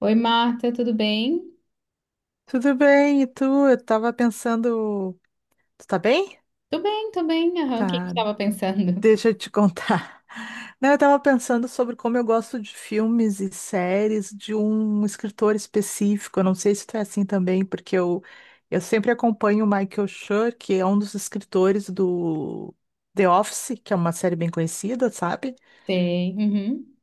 Oi, Marta, tudo bem? Tudo bem, e tu? Eu tava pensando. Tu tá bem? Tô bem, tô bem. Aham, o que que eu Tá, estava pensando? deixa eu te contar. Não, eu tava pensando sobre como eu gosto de filmes e séries de um escritor específico. Eu não sei se tu é assim também, porque eu sempre acompanho o Michael Schur, que é um dos escritores do The Office, que é uma série bem conhecida, sabe? Sei. Uhum,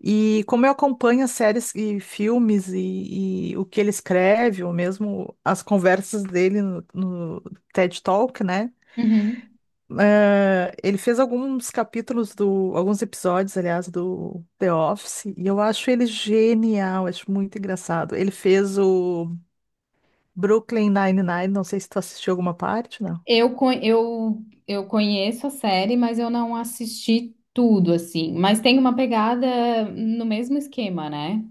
E como eu acompanho séries e filmes e o que ele escreve, ou mesmo as conversas dele no TED Talk, né? uhum. Ele fez alguns capítulos do, alguns episódios, aliás, do The Office, e eu acho ele genial, acho muito engraçado. Ele fez o Brooklyn Nine-Nine, não sei se tu assistiu alguma parte, né? Eu conheço a série, mas eu não assisti tudo, assim. Mas tem uma pegada no mesmo esquema, né?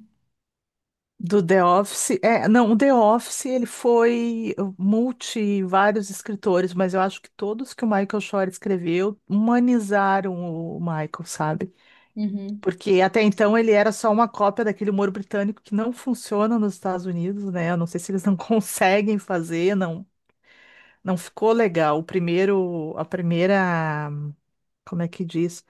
Do The Office. É, não, o The Office ele foi multi vários escritores, mas eu acho que todos que o Michael Shore escreveu humanizaram o Michael, sabe? Uhum. Porque até então ele era só uma cópia daquele humor britânico que não funciona nos Estados Unidos, né? Eu não sei se eles não conseguem fazer, não, não ficou legal. O primeiro, a primeira, como é que diz?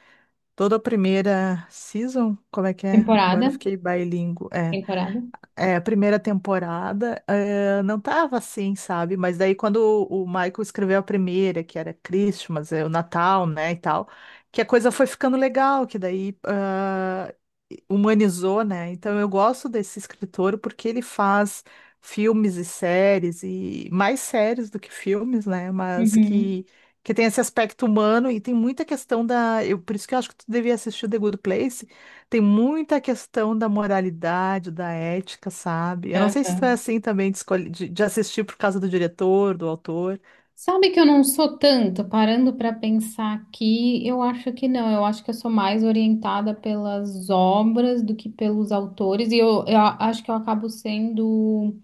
Toda a primeira season, como é que é? Agora eu Temporada? fiquei bilíngue. É Temporada. é, a primeira temporada, é, não tava assim, sabe? Mas daí quando o Michael escreveu a primeira, que era Christmas, é, o Natal, né, e tal, que a coisa foi ficando legal, que daí ah, humanizou, né? Então eu gosto desse escritor porque ele faz filmes e séries, e mais séries do que filmes, né? Mas Uhum. Que tem esse aspecto humano e tem muita questão da... Eu, por isso que eu acho que tu devia assistir o The Good Place, tem muita questão da moralidade, da ética, sabe? Eu não sei se tu é Aham. assim também de, de assistir por causa do diretor, do autor. Sabe que eu não sou tanto, parando pra pensar aqui, eu acho que não, eu acho que eu sou mais orientada pelas obras do que pelos autores, e eu acho que eu acabo sendo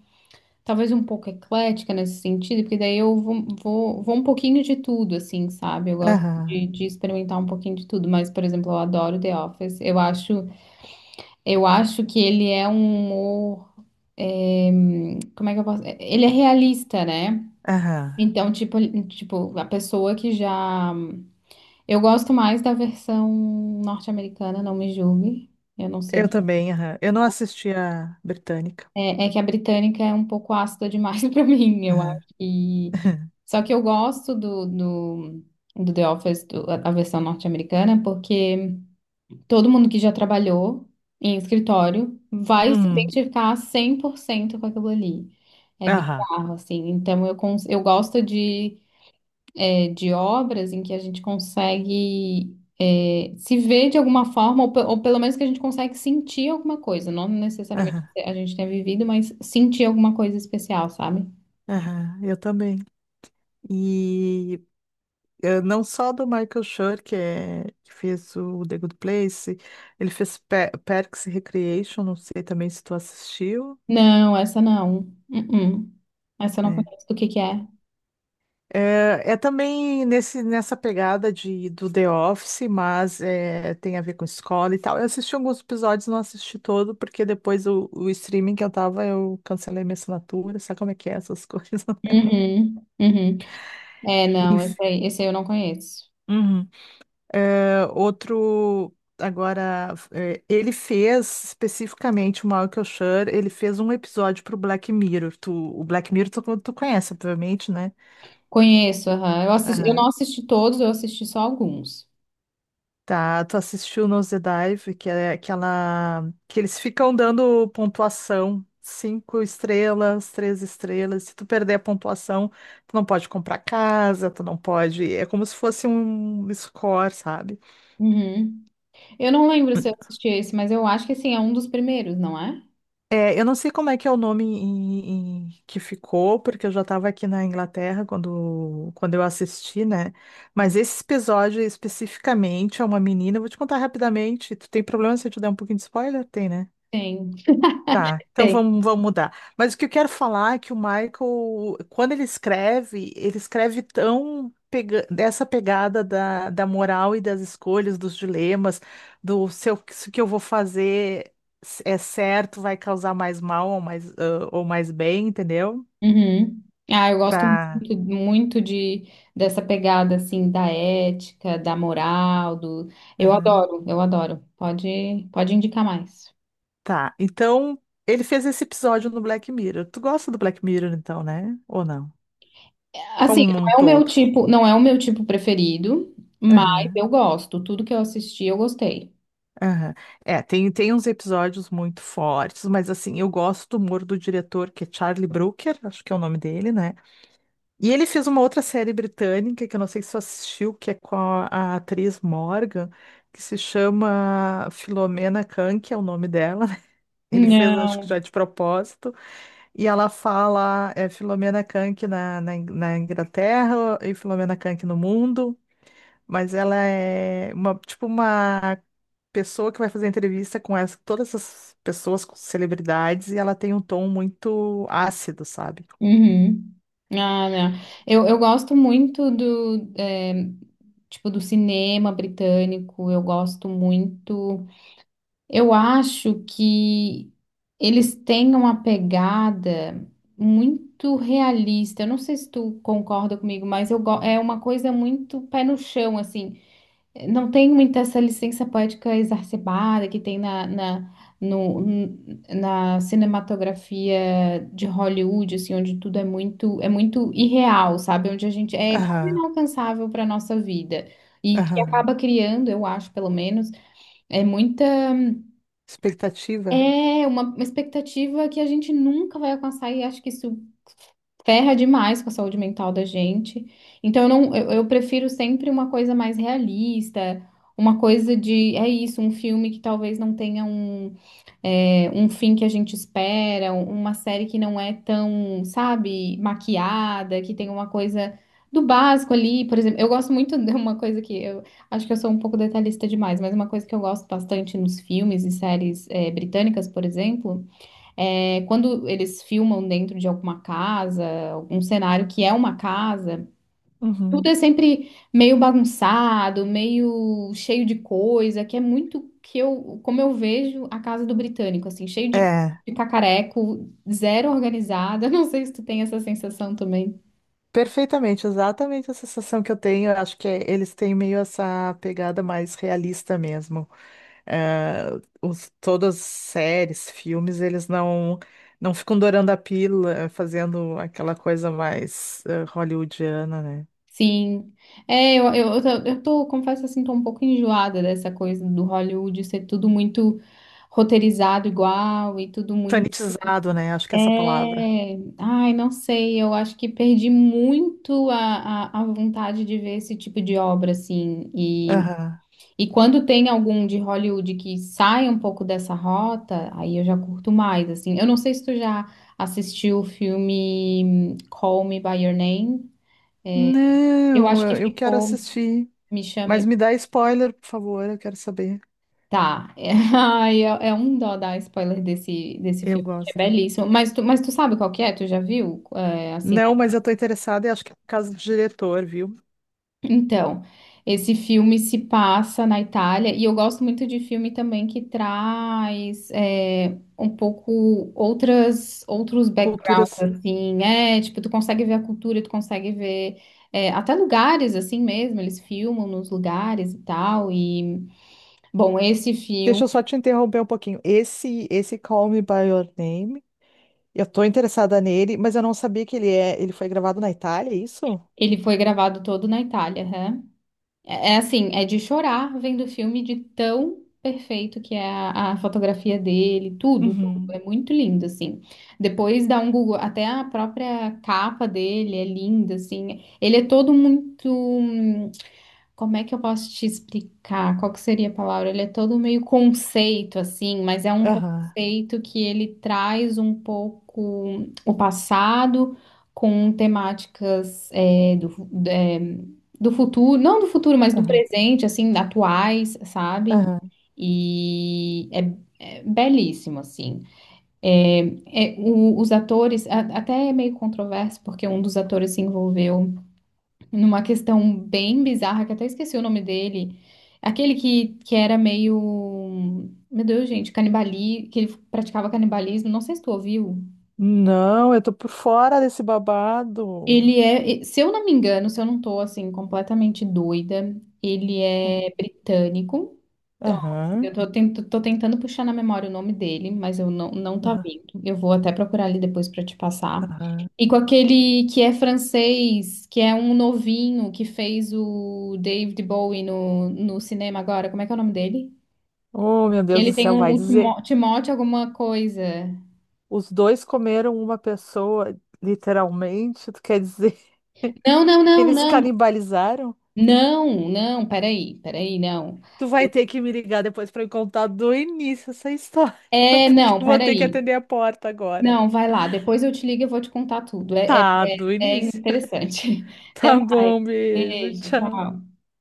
talvez um pouco eclética nesse sentido, porque daí eu vou um pouquinho de tudo, assim, sabe? Eu gosto Aham, de experimentar um pouquinho de tudo, mas, por exemplo, eu adoro The Office. Eu acho que ele é um humor, eh, como é que eu posso? Ele é realista, né? aham. Então, tipo, a pessoa que já. Eu gosto mais da versão norte-americana, não me julgue. Eu não sei. Eu também, aham. Eu não assisti a britânica. É que a britânica é um pouco ácida demais para mim, eu Aham. acho. E. Só que eu gosto do The Office, a versão norte-americana, porque todo mundo que já trabalhou em escritório vai se Uhum. identificar 100% com aquilo ali. É Aham, bizarro, assim. Então eu gosto de obras em que a gente consegue se ver de alguma forma, ou, ou pelo menos que a gente consegue sentir alguma coisa, não necessariamente aham, a gente tenha vivido, mas sentir alguma coisa especial, sabe? aham, eu também. E não só do Michael Schur, que, é, que fez o The Good Place, ele fez Parks and Recreation, não sei também se tu assistiu. Não, essa não. Uh-uh. Essa eu não É. conheço do que é. É, é também nessa pegada de, do The Office, mas é, tem a ver com escola e tal. Eu assisti alguns episódios, não assisti todo, porque depois o streaming que eu tava, eu cancelei minha assinatura, sabe como é que é essas coisas? Uhum, uhum. É, não, esse Enfim. aí, esse aí eu não conheço. Uhum. É, outro, agora, é, ele fez especificamente o Michael Schur, ele fez um episódio pro Black Mirror. O Black Mirror tu conhece, obviamente, né? Conheço, aham. Eu assisti, eu não Aham. assisti todos, eu assisti só alguns. Tá, tu assistiu Nose Dive, que é aquela que eles ficam dando pontuação, cinco estrelas, três estrelas. Se tu perder a pontuação, tu não pode comprar casa, tu não pode. É como se fosse um score, sabe? Uhum. Eu não lembro se eu assisti esse, mas eu acho que assim, é um dos primeiros, não é? É, eu não sei como é que é o nome que ficou, porque eu já estava aqui na Inglaterra quando eu assisti, né? Mas esse episódio especificamente é uma menina. Eu vou te contar rapidamente. Tu tem problema se eu te der um pouquinho de spoiler? Tem, né? Tem. Tá, então Tem. vamos mudar. Mas o que eu quero falar é que o Michael, quando ele escreve tão pega dessa pegada da moral e das escolhas, dos dilemas, do se o que eu vou fazer é certo, vai causar mais mal ou mais, ah, ou mais bem, entendeu? Uhum. Ah, eu gosto Pra... muito, muito de dessa pegada assim da ética, da moral, do eu Aham. adoro, eu adoro. Pode, pode indicar mais. Tá, então ele fez esse episódio no Black Mirror. Tu gosta do Black Mirror, então, né? Ou não? Assim, Como um não é o meu todo. tipo, não é o meu tipo preferido, mas eu gosto. Tudo que eu assisti, eu gostei. Aham. É, tem, tem uns episódios muito fortes, mas assim, eu gosto do humor do diretor, que é Charlie Brooker, acho que é o nome dele, né? E ele fez uma outra série britânica, que eu não sei se você assistiu, que é com a atriz Morgan, que se chama Filomena Khan, que é o nome dela, né? Ele fez, acho que Não. já de propósito, e ela fala é, Filomena Khan na Inglaterra e Filomena Khan no mundo. Mas ela é uma, tipo uma pessoa que vai fazer entrevista com todas essas pessoas, com celebridades, e ela tem um tom muito ácido, sabe? Uhum. Ah, não. Eu gosto muito do, tipo, do cinema britânico. Eu gosto muito. Eu acho que eles têm uma pegada muito realista. Eu não sei se tu concorda comigo, mas é uma coisa muito pé no chão, assim. Não tem muita essa licença poética exacerbada que tem na, na, no- n- na cinematografia de Hollywood, assim, onde tudo é muito irreal, sabe? Onde a gente é quase Aham, inalcançável para nossa vida. E que aham. acaba criando, eu acho, pelo menos. É muita. Expectativa? É uma expectativa que a gente nunca vai alcançar e acho que isso ferra demais com a saúde mental da gente. Então, eu, não, eu prefiro sempre uma coisa mais realista, uma coisa de, é isso, um filme que talvez não tenha um fim que a gente espera, uma série que não é tão, sabe, maquiada, que tem uma coisa do básico ali. Por exemplo, eu gosto muito de uma coisa que eu acho que eu sou um pouco detalhista demais, mas uma coisa que eu gosto bastante nos filmes e séries, britânicas, por exemplo. É, quando eles filmam dentro de alguma casa, algum cenário que é uma casa, tudo é Uhum. sempre meio bagunçado, meio cheio de coisa, que é muito que eu, como eu vejo a casa do britânico, assim, cheio de, É, de cacareco, zero organizada. Não sei se tu tem essa sensação também. perfeitamente, exatamente a sensação que eu tenho. Eu acho que eles têm meio essa pegada mais realista mesmo. Todas as séries, filmes, eles não ficam dourando a pílula, fazendo aquela coisa mais hollywoodiana, né? Sim. É, confesso assim, tô um pouco enjoada dessa coisa do Hollywood ser tudo muito roteirizado igual e tudo. Sanitizado, né? Acho que é essa palavra. É, ai, não sei, eu acho que perdi muito a vontade de ver esse tipo de obra, assim, e, Aham. e quando tem algum de Hollywood que sai um pouco dessa rota, aí eu já curto mais, assim, eu não sei se tu já assistiu o filme Call Me By Your Name. Eu Não, acho que eu quero ficou, assistir. me chame, Mas me dá spoiler, por favor, eu quero saber. tá. Ai, é um dó dar spoiler desse Eu filme, que é gosto. belíssimo, mas tu sabe qual que é, tu já viu. É, assim. Não, mas eu tô interessada e acho que é por causa do diretor, viu? Então, esse filme se passa na Itália e eu gosto muito de filme também que traz um pouco outras outros Culturas. backgrounds assim, é tipo tu consegue ver a cultura, tu consegue ver até lugares assim mesmo, eles filmam nos lugares e tal e bom, esse Deixa filme eu só te interromper um pouquinho. Esse Call Me By Your Name. Eu tô interessada nele, mas eu não sabia que ele é. Ele foi gravado na Itália, é isso? ele foi gravado todo na Itália, né? É assim, é de chorar vendo o filme de tão perfeito que é a fotografia dele, tudo, tudo. É Uhum. muito lindo, assim. Depois dá um Google, até a própria capa dele é linda, assim. Ele é todo muito. Como é que eu posso te explicar? Qual que seria a palavra? Ele é todo meio conceito, assim, mas é um Aham. conceito que ele traz um pouco o passado com temáticas do futuro, não do futuro, mas do Aham. presente, assim, atuais, sabe? Aham. E é belíssimo, assim. É, os atores, até é meio controverso, porque um dos atores se envolveu numa questão bem bizarra, que até esqueci o nome dele. Aquele que era meio. Meu Deus, gente, que ele praticava canibalismo. Não sei se tu ouviu. Não, eu tô por fora desse babado. Ele é, se eu não me engano, se eu não tô assim completamente doida, ele é Aham. britânico. Eu Aham. tô, ten- tô tentando puxar na memória o nome dele, mas eu não, não tá Aham. vindo. Eu vou até procurar ali depois pra te passar. Aham. E com aquele que é francês, que é um novinho, que fez o David Bowie no cinema agora. Como é que é o nome dele? Oh, meu Deus do Ele tem céu, um, vai um dizer. Timóteo alguma coisa. Os dois comeram uma pessoa, literalmente. Tu quer dizer Não, não, que não, eles não. canibalizaram? Não, não, peraí, peraí, não. Tu vai Eu- ter que me ligar depois pra me contar do início essa história, É, porque não, eu vou ter que peraí. atender a porta agora. Não, vai lá. Depois eu te ligo e eu vou te contar tudo. É, é, Tá, do é início. interessante. Até Tá mais. bom, beijo, Beijo, tchau. tchau.